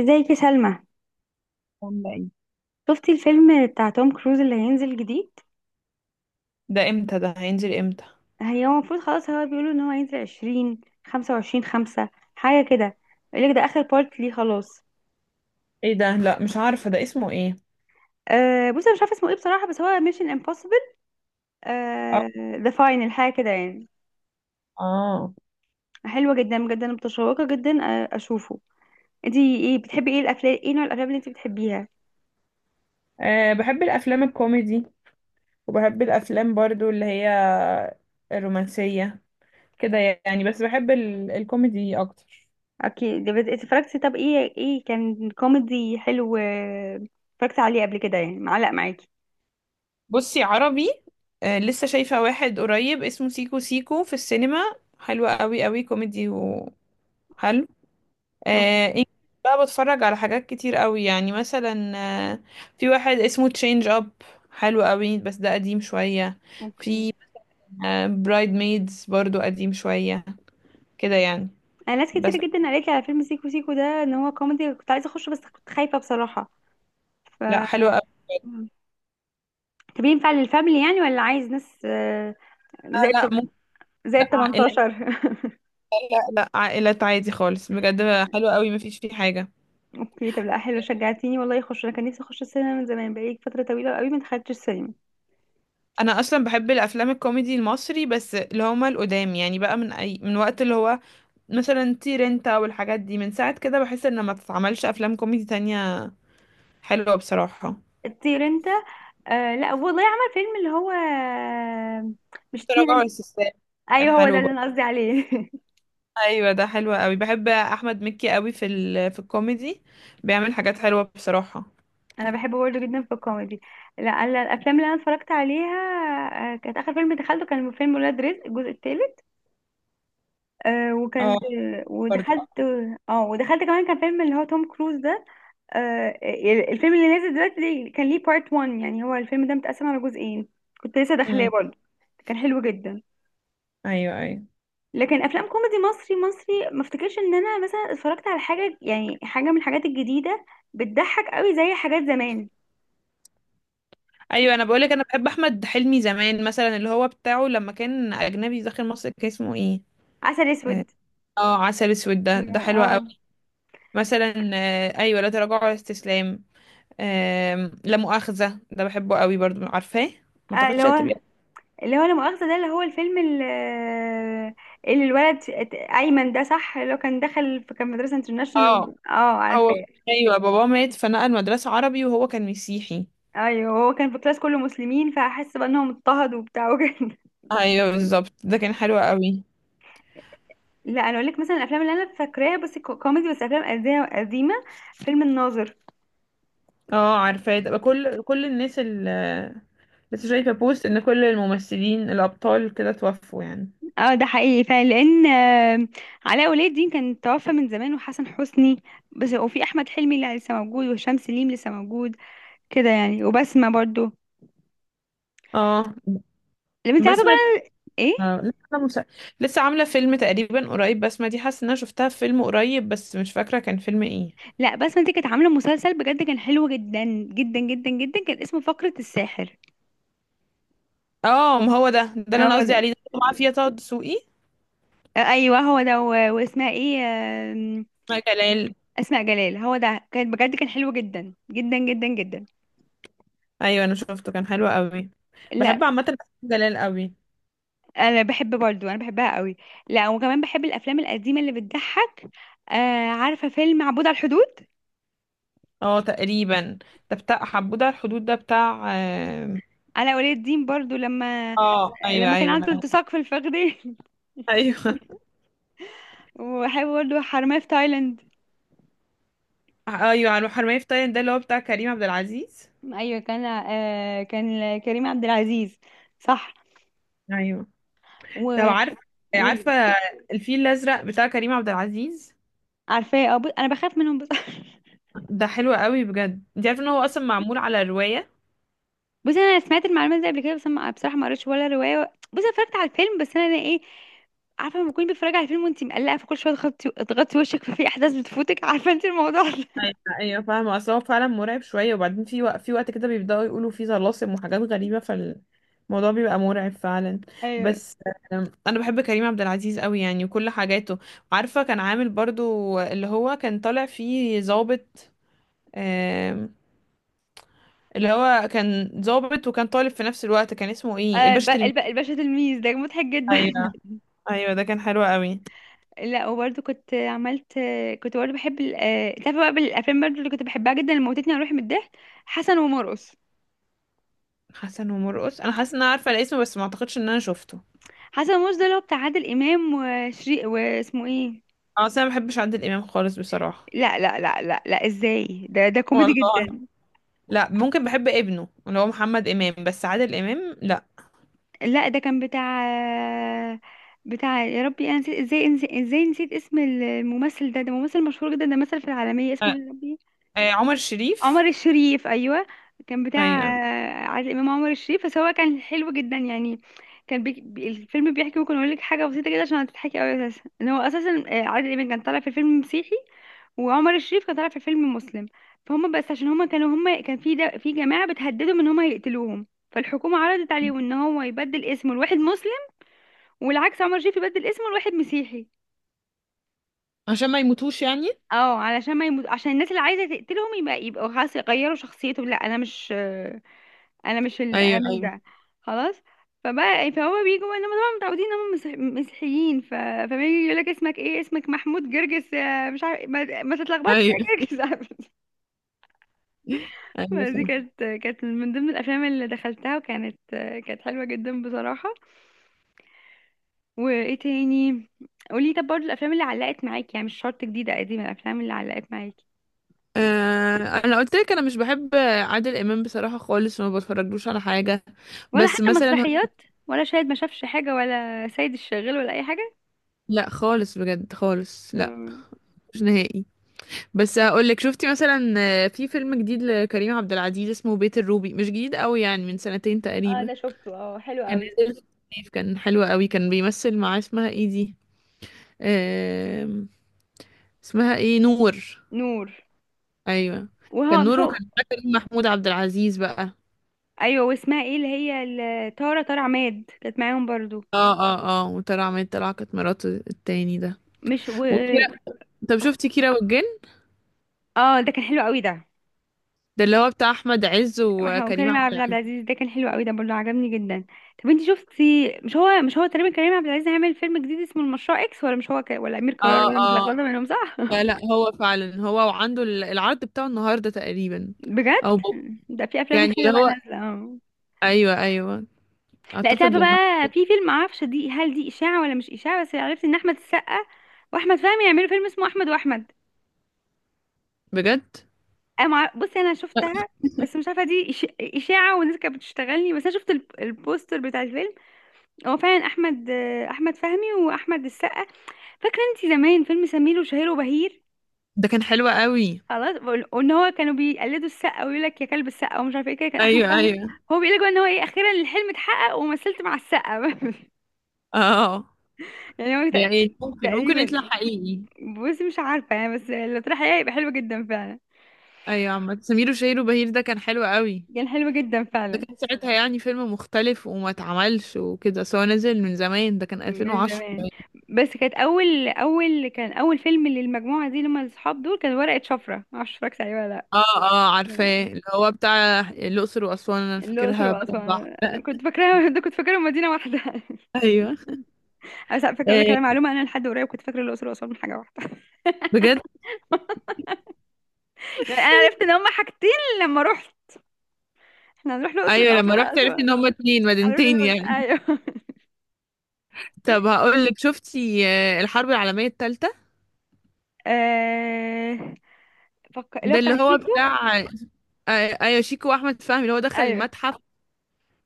ازيك يا سلمى؟ ولا ايه. شفتي الفيلم بتاع توم كروز اللي هينزل جديد؟ ده امتى، ده هينزل امتى؟ هو المفروض خلاص، هو بيقولوا ان هو هينزل عشرين، خمسة وعشرين، خمسة، حاجة كده. يقولك ده آخر بارت ليه، خلاص. ايه ده؟ لا مش عارفة ده اسمه ايه. أه بصي، أنا مش عارفة اسمه ايه بصراحة، بس هو ميشن امبوسيبل اه. ذا فاينل حاجة كده يعني. اه. حلوة جدا جدا، متشوقة جدا أشوفه. انتي ايه بتحبي، ايه الأفلام، ايه نوع الأفلام اللي انتي بتحبيها؟ آه، بحب الافلام الكوميدي، وبحب الافلام برضو اللي هي الرومانسية كده يعني. بس بحب الكوميدي اكتر. أكيد اتفرجتي، طب ايه ايه كان كوميدي حلو اتفرجتي عليه قبل كده يعني، معلق معاكي؟ بصي، عربي: آه لسه شايفة واحد قريب اسمه سيكو سيكو في السينما، حلوة قوي قوي، كوميدي وحلو. اوكي. آه، انجلش بقى، بتفرج على حاجات كتير قوي، يعني مثلا آه، في واحد اسمه تشينج اب، حلو قوي بس ده قديم شوية. اوكي، في برايد ميدز، برضو قديم شوية كده يعني. انا ناس كتير بس جدا قالت لي على فيلم سيكو سيكو ده ان هو كوميدي، كنت عايزه اخشه بس كنت خايفه بصراحه. ف لا حلو قوي. مم. طب ينفع للفاميلي يعني ولا عايز ناس آه، زائد لا ممكن. زائد لا عائلات. 18؟ لا، لا عائلات عادي خالص بجد، حلو قوي مفيش فيه حاجة. اوكي، طب لا حلو، شجعتيني والله اخش. انا كان نفسي اخش السينما من زمان، بقالي فتره طويله قوي ما دخلتش السينما. انا اصلا بحب الافلام الكوميدي المصري، بس اللي هما القدام يعني، بقى من اي، من وقت اللي هو مثلا تير انت والحاجات دي، من ساعة كده بحس ان ما تتعملش افلام كوميدي تانية حلوة بصراحة. طير انت؟ آه، لا والله عمل فيلم اللي هو، مش طير تراجع انت. السيستم. كان ايوه هو ده حلو اللي برضه. انا قصدي عليه. ايوه، ده حلو قوي، بحب احمد مكي قوي في في الكوميدي، بيعمل حاجات حلوة بصراحة. انا بحبه برضه جدا في الكوميدي. لا انا الافلام اللي انا اتفرجت عليها، كانت اخر فيلم دخلته كان فيلم ولاد رزق الجزء الثالث. آه اه، وكان، برضه. ودخلت، اه ودخلت كمان كان فيلم اللي هو توم كروز ده. آه، الفيلم اللي نازل دلوقتي كان ليه بارت 1 يعني، هو الفيلم ده متقسم على جزئين. كنت لسه داخلاه امم برضه، كان حلو جدا. ايوه، ايوه، لكن افلام كوميدي مصري مصري، ما افتكرش ان انا مثلا اتفرجت على حاجه يعني، حاجه من الحاجات الجديده بتضحك قوي زي حاجات زمان. ايوه، انا بقولك، انا بحب احمد حلمي زمان، مثلا اللي هو بتاعه لما كان اجنبي داخل مصر، كان اسمه ايه؟ عسل اه. اسود. آه، عسل اسود، ده حلو قوي. اه مثلا آه، ايوه، لا تراجع ولا استسلام. آم، لا مؤاخذة، ده بحبه قوي برضه، عارفاه. ما تاخدش اللي هو، تبقى. اللي هو لا مؤاخذة، ده اللي هو الفيلم اللي، اللي الولد أيمن ده صح، اللي هو كان دخل في، كان مدرسة اه. انترناشونال، اه هو. عارفاه. ايوه، بابا مات فنقل مدرسة عربي، وهو كان مسيحي. ايوه هو كان في كلاس كله مسلمين، فحس بقى انهم اضطهدوا وبتاع وكده. ايوه بالظبط، ده كان حلو قوي. لا انا اقول لك مثلا الافلام اللي انا فاكراها بس كوميدي، بس افلام قديمه، قديمة، فيلم الناظر. اه عارفاه، ده كل الناس اللي لسه شايفة بوست ان كل الممثلين الابطال كده توفوا يعني. اه ده حقيقي فعلا، لان علاء ولي الدين كان توفى من زمان، وحسن حسني. بس وفي احمد حلمي اللي لسه موجود، وهشام سليم لسه موجود، كده يعني، وبسمة برضو اه. اللي انت عارفه بسمة دي- بقى. ايه؟ آه، لسه عاملة فيلم تقريبا قريب بسمة دي، حاسة ان انا شفتها في فيلم قريب بس مش فاكرة كان فيلم ايه. لا بس ما دي كانت عامله مسلسل بجد كان حلو جدا، جدا جدا جدا، كان اسمه فقرة الساحر. اه ما هو ده اللي انا هو قصدي ده. عليه، ده اللي معاه فيها طه دسوقي. ايوه هو ده واسمها ايه؟ آم، مع جلال. اسماء جلال، هو ده، كان بجد كان حلو جدا جدا جدا جدا. ايوه، انا شفته كان حلو قوي. لا بحب عامة أفلام جلال قوي. انا بحبها قوي. لا وكمان بحب الافلام القديمه اللي بتضحك. آه عارفه فيلم عبود على الحدود؟ اه تقريبا. ده بتاع حبودة الحدود، ده بتاع اه. علاء ولي الدين برضو لما، آه، ايوه، لما كان ايوه. عنده التصاق في الفخذين. ايوه، وبحب برضو حرامية في تايلاند. ايوه، على الحرمية في تايلاند، ده اللي هو بتاع كريم عبد العزيز. ايوه كان آه كان كريم عبد العزيز، صح. ايوه. طب و... عارفه. وال- عارفه الفيل الازرق بتاع كريم عبد العزيز؟ عارفاه، اه بص انا بخاف منهم بس. ده حلو قوي بجد، انت عارفه ان هو اصلا معمول على رواية. بص انا سمعت المعلومات دي قبل كده بس أنا بصراحه ما قريتش ولا روايه، بص أنا اتفرجت على الفيلم بس، انا ايه، عارفه لما تكوني بتتفرجي على الفيلم وانت مقلقه، فكل شويه تغطي وشك، ففي احداث بتفوتك، عارفه انت الموضوع ده. ايوه، ايوه فاهمه، اصل هو فعلا مرعب شويه، وبعدين في وقت، كده بيبداوا يقولوا فيه طلاسم وحاجات غريبه، فالموضوع بيبقى مرعب فعلا. ايوه بس آم، انا بحب كريم عبد العزيز قوي يعني، وكل حاجاته. عارفه كان عامل برضو اللي هو كان طالع فيه ضابط، آم، اللي هو كان ضابط وكان طالب في نفس الوقت، كان اسمه ايه؟ آه الباشا تلميذ. الباشا تلميذ ده مضحك جدا. ايوه، ايوه، ده كان حلو قوي. لا وبرده كنت عملت، كنت برده بحب ال... آه، تعرفي بقى بالافلام برده اللي كنت بحبها جدا، اللي موتتني على روحي من الضحك، حسن ومرقص. حسن ومرقص، انا حاسه ان انا عارفه الاسم بس ما اعتقدش ان انا شفته. حسن ومرقص ده اللي هو بتاع عادل امام وشري واسمه ايه. اه، أصل انا ما بحبش عادل امام خالص بصراحه. لا، ازاي، ده ده كوميدي والله. جدا. لا ممكن بحب ابنه اللي هو محمد امام، بس عادل امام لا. لا ده كان بتاع، بتاع يا ربي انا نسيت، ازاي نسيت اسم الممثل ده، ده ممثل مشهور جدا، ده مثل في العالمية، اسمه آه، ايه يا ربي. عمر شريف. عمر الشريف، ايوه، كان بتاع ايوه. عادل امام، عمر الشريف، بس هو كان حلو جدا يعني. كان الفيلم بيحكي، ممكن اقول لك حاجه بسيطه كده عشان هتضحكي قوي اساسا، ان هو اساسا عادل امام كان طالع في فيلم مسيحي، وعمر الشريف كان طالع في فيلم مسلم. فهم بس عشان هم كانوا هم كان في ده في جماعه بتهددهم ان هم هيقتلوهم، فالحكومه عرضت عليهم ان هو يبدل اسمه لواحد مسلم، والعكس عمر الشريف يبدل اسمه لواحد مسيحي. عشان ما يموتوش يعني. اه علشان ما يموت، عشان الناس اللي عايزه تقتلهم يبقى، يبقوا خلاص يغيروا شخصيتهم. لا انا مش انا مش ال... انا ايوه، مش ايوه، ده، خلاص. فبقى يعني، فهو بيجوا بقى انهم طبعا متعودين ان هم مسيحيين، ف... فبيجي يقول لك اسمك ايه؟ اسمك محمود جرجس مش عارف، ما تتلخبطش ايوه. يا جرجس. ايوه دي فاهمة. كانت، كانت من ضمن الافلام اللي دخلتها وكانت، كانت حلوه جدا بصراحه. وايه تاني؟ قولي طب برضه الافلام اللي علقت معاكي يعني، مش شرط جديده قديمه، الافلام اللي علقت معاكي، آه. انا قلت لك انا مش بحب عادل امام بصراحه خالص، وما بتفرجلوش على حاجه. ولا بس حتى مثلا مثلا ه- مسرحيات، ولا شاهد ما شافش حاجه، ولا سيد الشغال ولا اي حاجه. لا خالص بجد، خالص لا، مم. مش نهائي. بس هقول لك، شفتي مثلا آه، في فيلم جديد لكريم عبد العزيز اسمه بيت الروبي؟ مش جديد قوي يعني، من سنتين اه تقريبا، ده شفته، اه حلو كان قوي. نزل في الصيف، كان حلو قوي، كان بيمثل مع اسمها ايه دي، آم، اسمها ايه، نور. نور. ايوه، وهو كان مش نور، هو. وكان معاه كريم محمود عبد العزيز بقى. ايوه واسمها ايه اللي هي تارة، تارة عماد كانت معاهم برضو. اه، اه، اه، وطلع عماد طلع، كانت مراته التاني ده. مش و، وكيرا. طب شفتي كيرة والجن؟ اه ده كان حلو قوي ده. ده اللي هو بتاع احمد عز احنا وكريم وكريم عبد عبد العزيز. العزيز ده كان حلو قوي ده برضو، عجبني جدا. طب انتي شفتي، مش هو تقريبا كريم عبد العزيز هيعمل فيلم جديد اسمه المشروع اكس؟ ولا مش هو ك... ولا امير قرار، اه، ولا متلخبطه اه. منهم، صح. لا، لا، هو فعلا هو، وعنده العرض بتاعه النهارده تقريبا. بجد؟ او بو- ده في افلام يعني حلوه اللي بقى هو، نازله اه. ايوه، ايوه، لا انت اعتقد عارفه يعني. بقى في فيلم، معرفش دي هل دي اشاعه ولا مش اشاعه، بس عرفت ان احمد السقا واحمد فهمي يعملوا فيلم اسمه احمد واحمد. بجد، بصي انا شفتها بس مش عارفه دي اشاعه، والناس كانت بتشتغلني، بس انا شفت البوستر بتاع الفيلم، هو فعلا احمد، احمد فهمي واحمد السقا. فاكره انت زمان فيلم سمير وشهير وبهير؟ ده كان حلو قوي. خلاص، وان هو كانوا بيقلدوا السقا ويقول لك يا كلب السقا ومش عارفه ايه، كده كان احمد ايوه، فهمي، ايوه. هو بيقول لك ان هو ايه اخيرا الحلم اتحقق ومثلت مع السقا. اه، يعني هو يعني ممكن تقريبا. يطلع حقيقي. بصي مش عارفه يعني، بس لو طلع حقيقة يبقى حلو جدا فعلا. ايوه، عامة سمير وشهير وبهير ده كان حلو قوي. كان حلو جدا ده فعلا كان ساعتها يعني فيلم مختلف وما اتعملش وكده، بس هو نزل من زمان، ده كان من 2010 زمان. باين. بس كانت اول كان اول فيلم للمجموعه دي، لما الاصحاب دول كان ورقه شفره، ما اعرفش اتفرجت عليه ولا اه، اه عارفاه، لا. اللي هو بتاع الأقصر وأسوان، انا الاقصر فاكرها بلد بحر، واسوان، لا. كنت فاكراها ده كنت فاكره مدينه واحده. ايوه. بس على فكره اقول لك إيه. على معلومه، انا لحد قريب كنت فاكره الاقصر واسوان حاجه واحده. بجد. يعني انا عرفت ان هما حاجتين لما رحت، احنا هنروح الاقصر ايوه، الاول لما ولا رحت عرفت اسوان؟ ان هما اتنين عرفت ان مدينتين هما، يعني. ايوه. طب هقول لك، شفتي آه، الحرب العالمية الثالثة، آه، فك... اللي هو ده بتاع اللي هو شيكو. بتاع آه، ايوه، شيكو واحمد فهمي، اللي هو دخل ايوه المتحف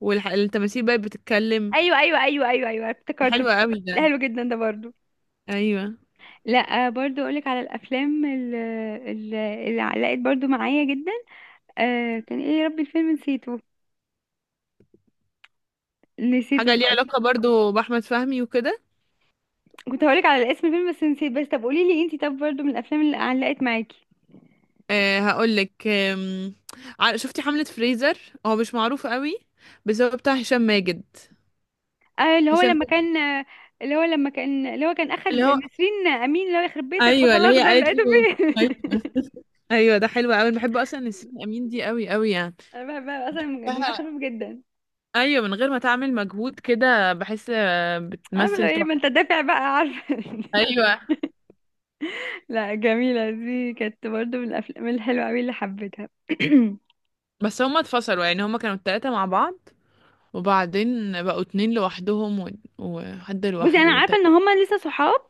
والتماثيل بقت بتتكلم. ايوه ايوه ايوه ايوه ايوه افتكرته، حلوة قوي ده ده. حلو جدا ده برضو. ايوه. لا برضو اقولك على الافلام اللي علقت برضو معايا جدا، آه كان ايه يا ربي، الفيلم نسيته، نسيته حاجة ليها خالص. علاقة برضو بأحمد فهمي وكده. كنت هقولك على اسم الفيلم بس نسيت، بس طب قولي لي انتي طب برضو من الافلام اللي علقت معاكي؟ أه هقولك آم، شفتي حملة فريزر؟ هو مش معروف قوي، بس هو بتاع هشام ماجد. آه اللي هو هشام لما ماجد. كان اللي هو لما كان، اللي هو كان اخد اللي هو. نسرين امين، اللي هو يخرب بيتك ايوه، بطل اللي هي اخضر قالت له لقيته فين. طيب. ايوه، ده حلو قوي، أنا بحب اصلا نسرين امين دي قوي قوي يعني. انا بحبها اصلا، دماغها لها- خفيف جدا. ايوه، من غير ما تعمل مجهود كده، بحس آه، عارفه لو بتمثل ايه، ما تحفة. انت دافع بقى عارفه. ايوه. لا جميله دي كانت برضو من الافلام الحلوه قوي اللي حبيتها. بس هما اتفصلوا يعني، هما كانوا التلاتة مع بعض وبعدين بقوا اتنين لوحدهم، وحد بصي انا لوحده عارفه تاني. ان هما لسه صحاب،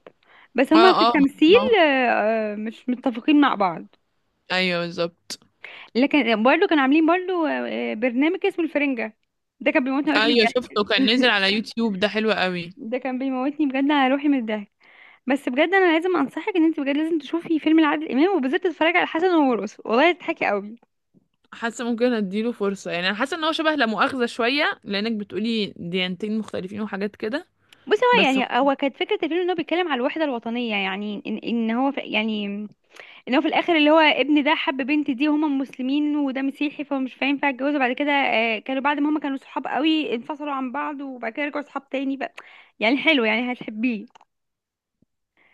بس اه، هما في اه. التمثيل آه. مش متفقين مع بعض. ايوه بالظبط. لكن برضه كانوا عاملين برضه برنامج اسمه الفرنجه، ده كان بيموتني على روحي من ايوه شفته كان نزل الضحك. على يوتيوب، ده حلو قوي. ده كان بيموتني بجد على روحي من الضحك. بس بجد انا لازم انصحك، ان انت بجد لازم تشوفي فيلم لعادل امام، وبالذات تتفرجي على حسن ومرقص، والله تضحكي قوي. حاسه ممكن اديله فرصه يعني، انا حاسه ان هو شبه لا مؤاخذه شويه، لانك بتقولي ديانتين مختلفين وحاجات كده. بصي هو بس يعني، هو كانت فكره الفيلم ان هو بيتكلم على الوحده الوطنيه، يعني إن هو ف... يعني ان هو في الاخر اللي هو ابن ده حب بنت دي، وهما مسلمين وده مسيحي، فمش هينفع يتجوزوا بعد كده. كانوا بعد ما هما كانوا صحاب قوي انفصلوا عن بعض، وبعد كده رجعوا صحاب تاني بقى. يعني حلو، يعني هتحبيه.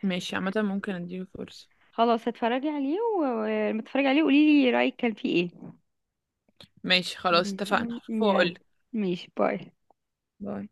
ماشي عامه، ممكن اديله فرصه. خلاص هتفرجي عليه، ولما تتفرجي عليه قولي لي رايك كان فيه ايه. ماشي خلاص، اتفقنا مم. هشوفه يلا، واقولك. ماشي، باي. باي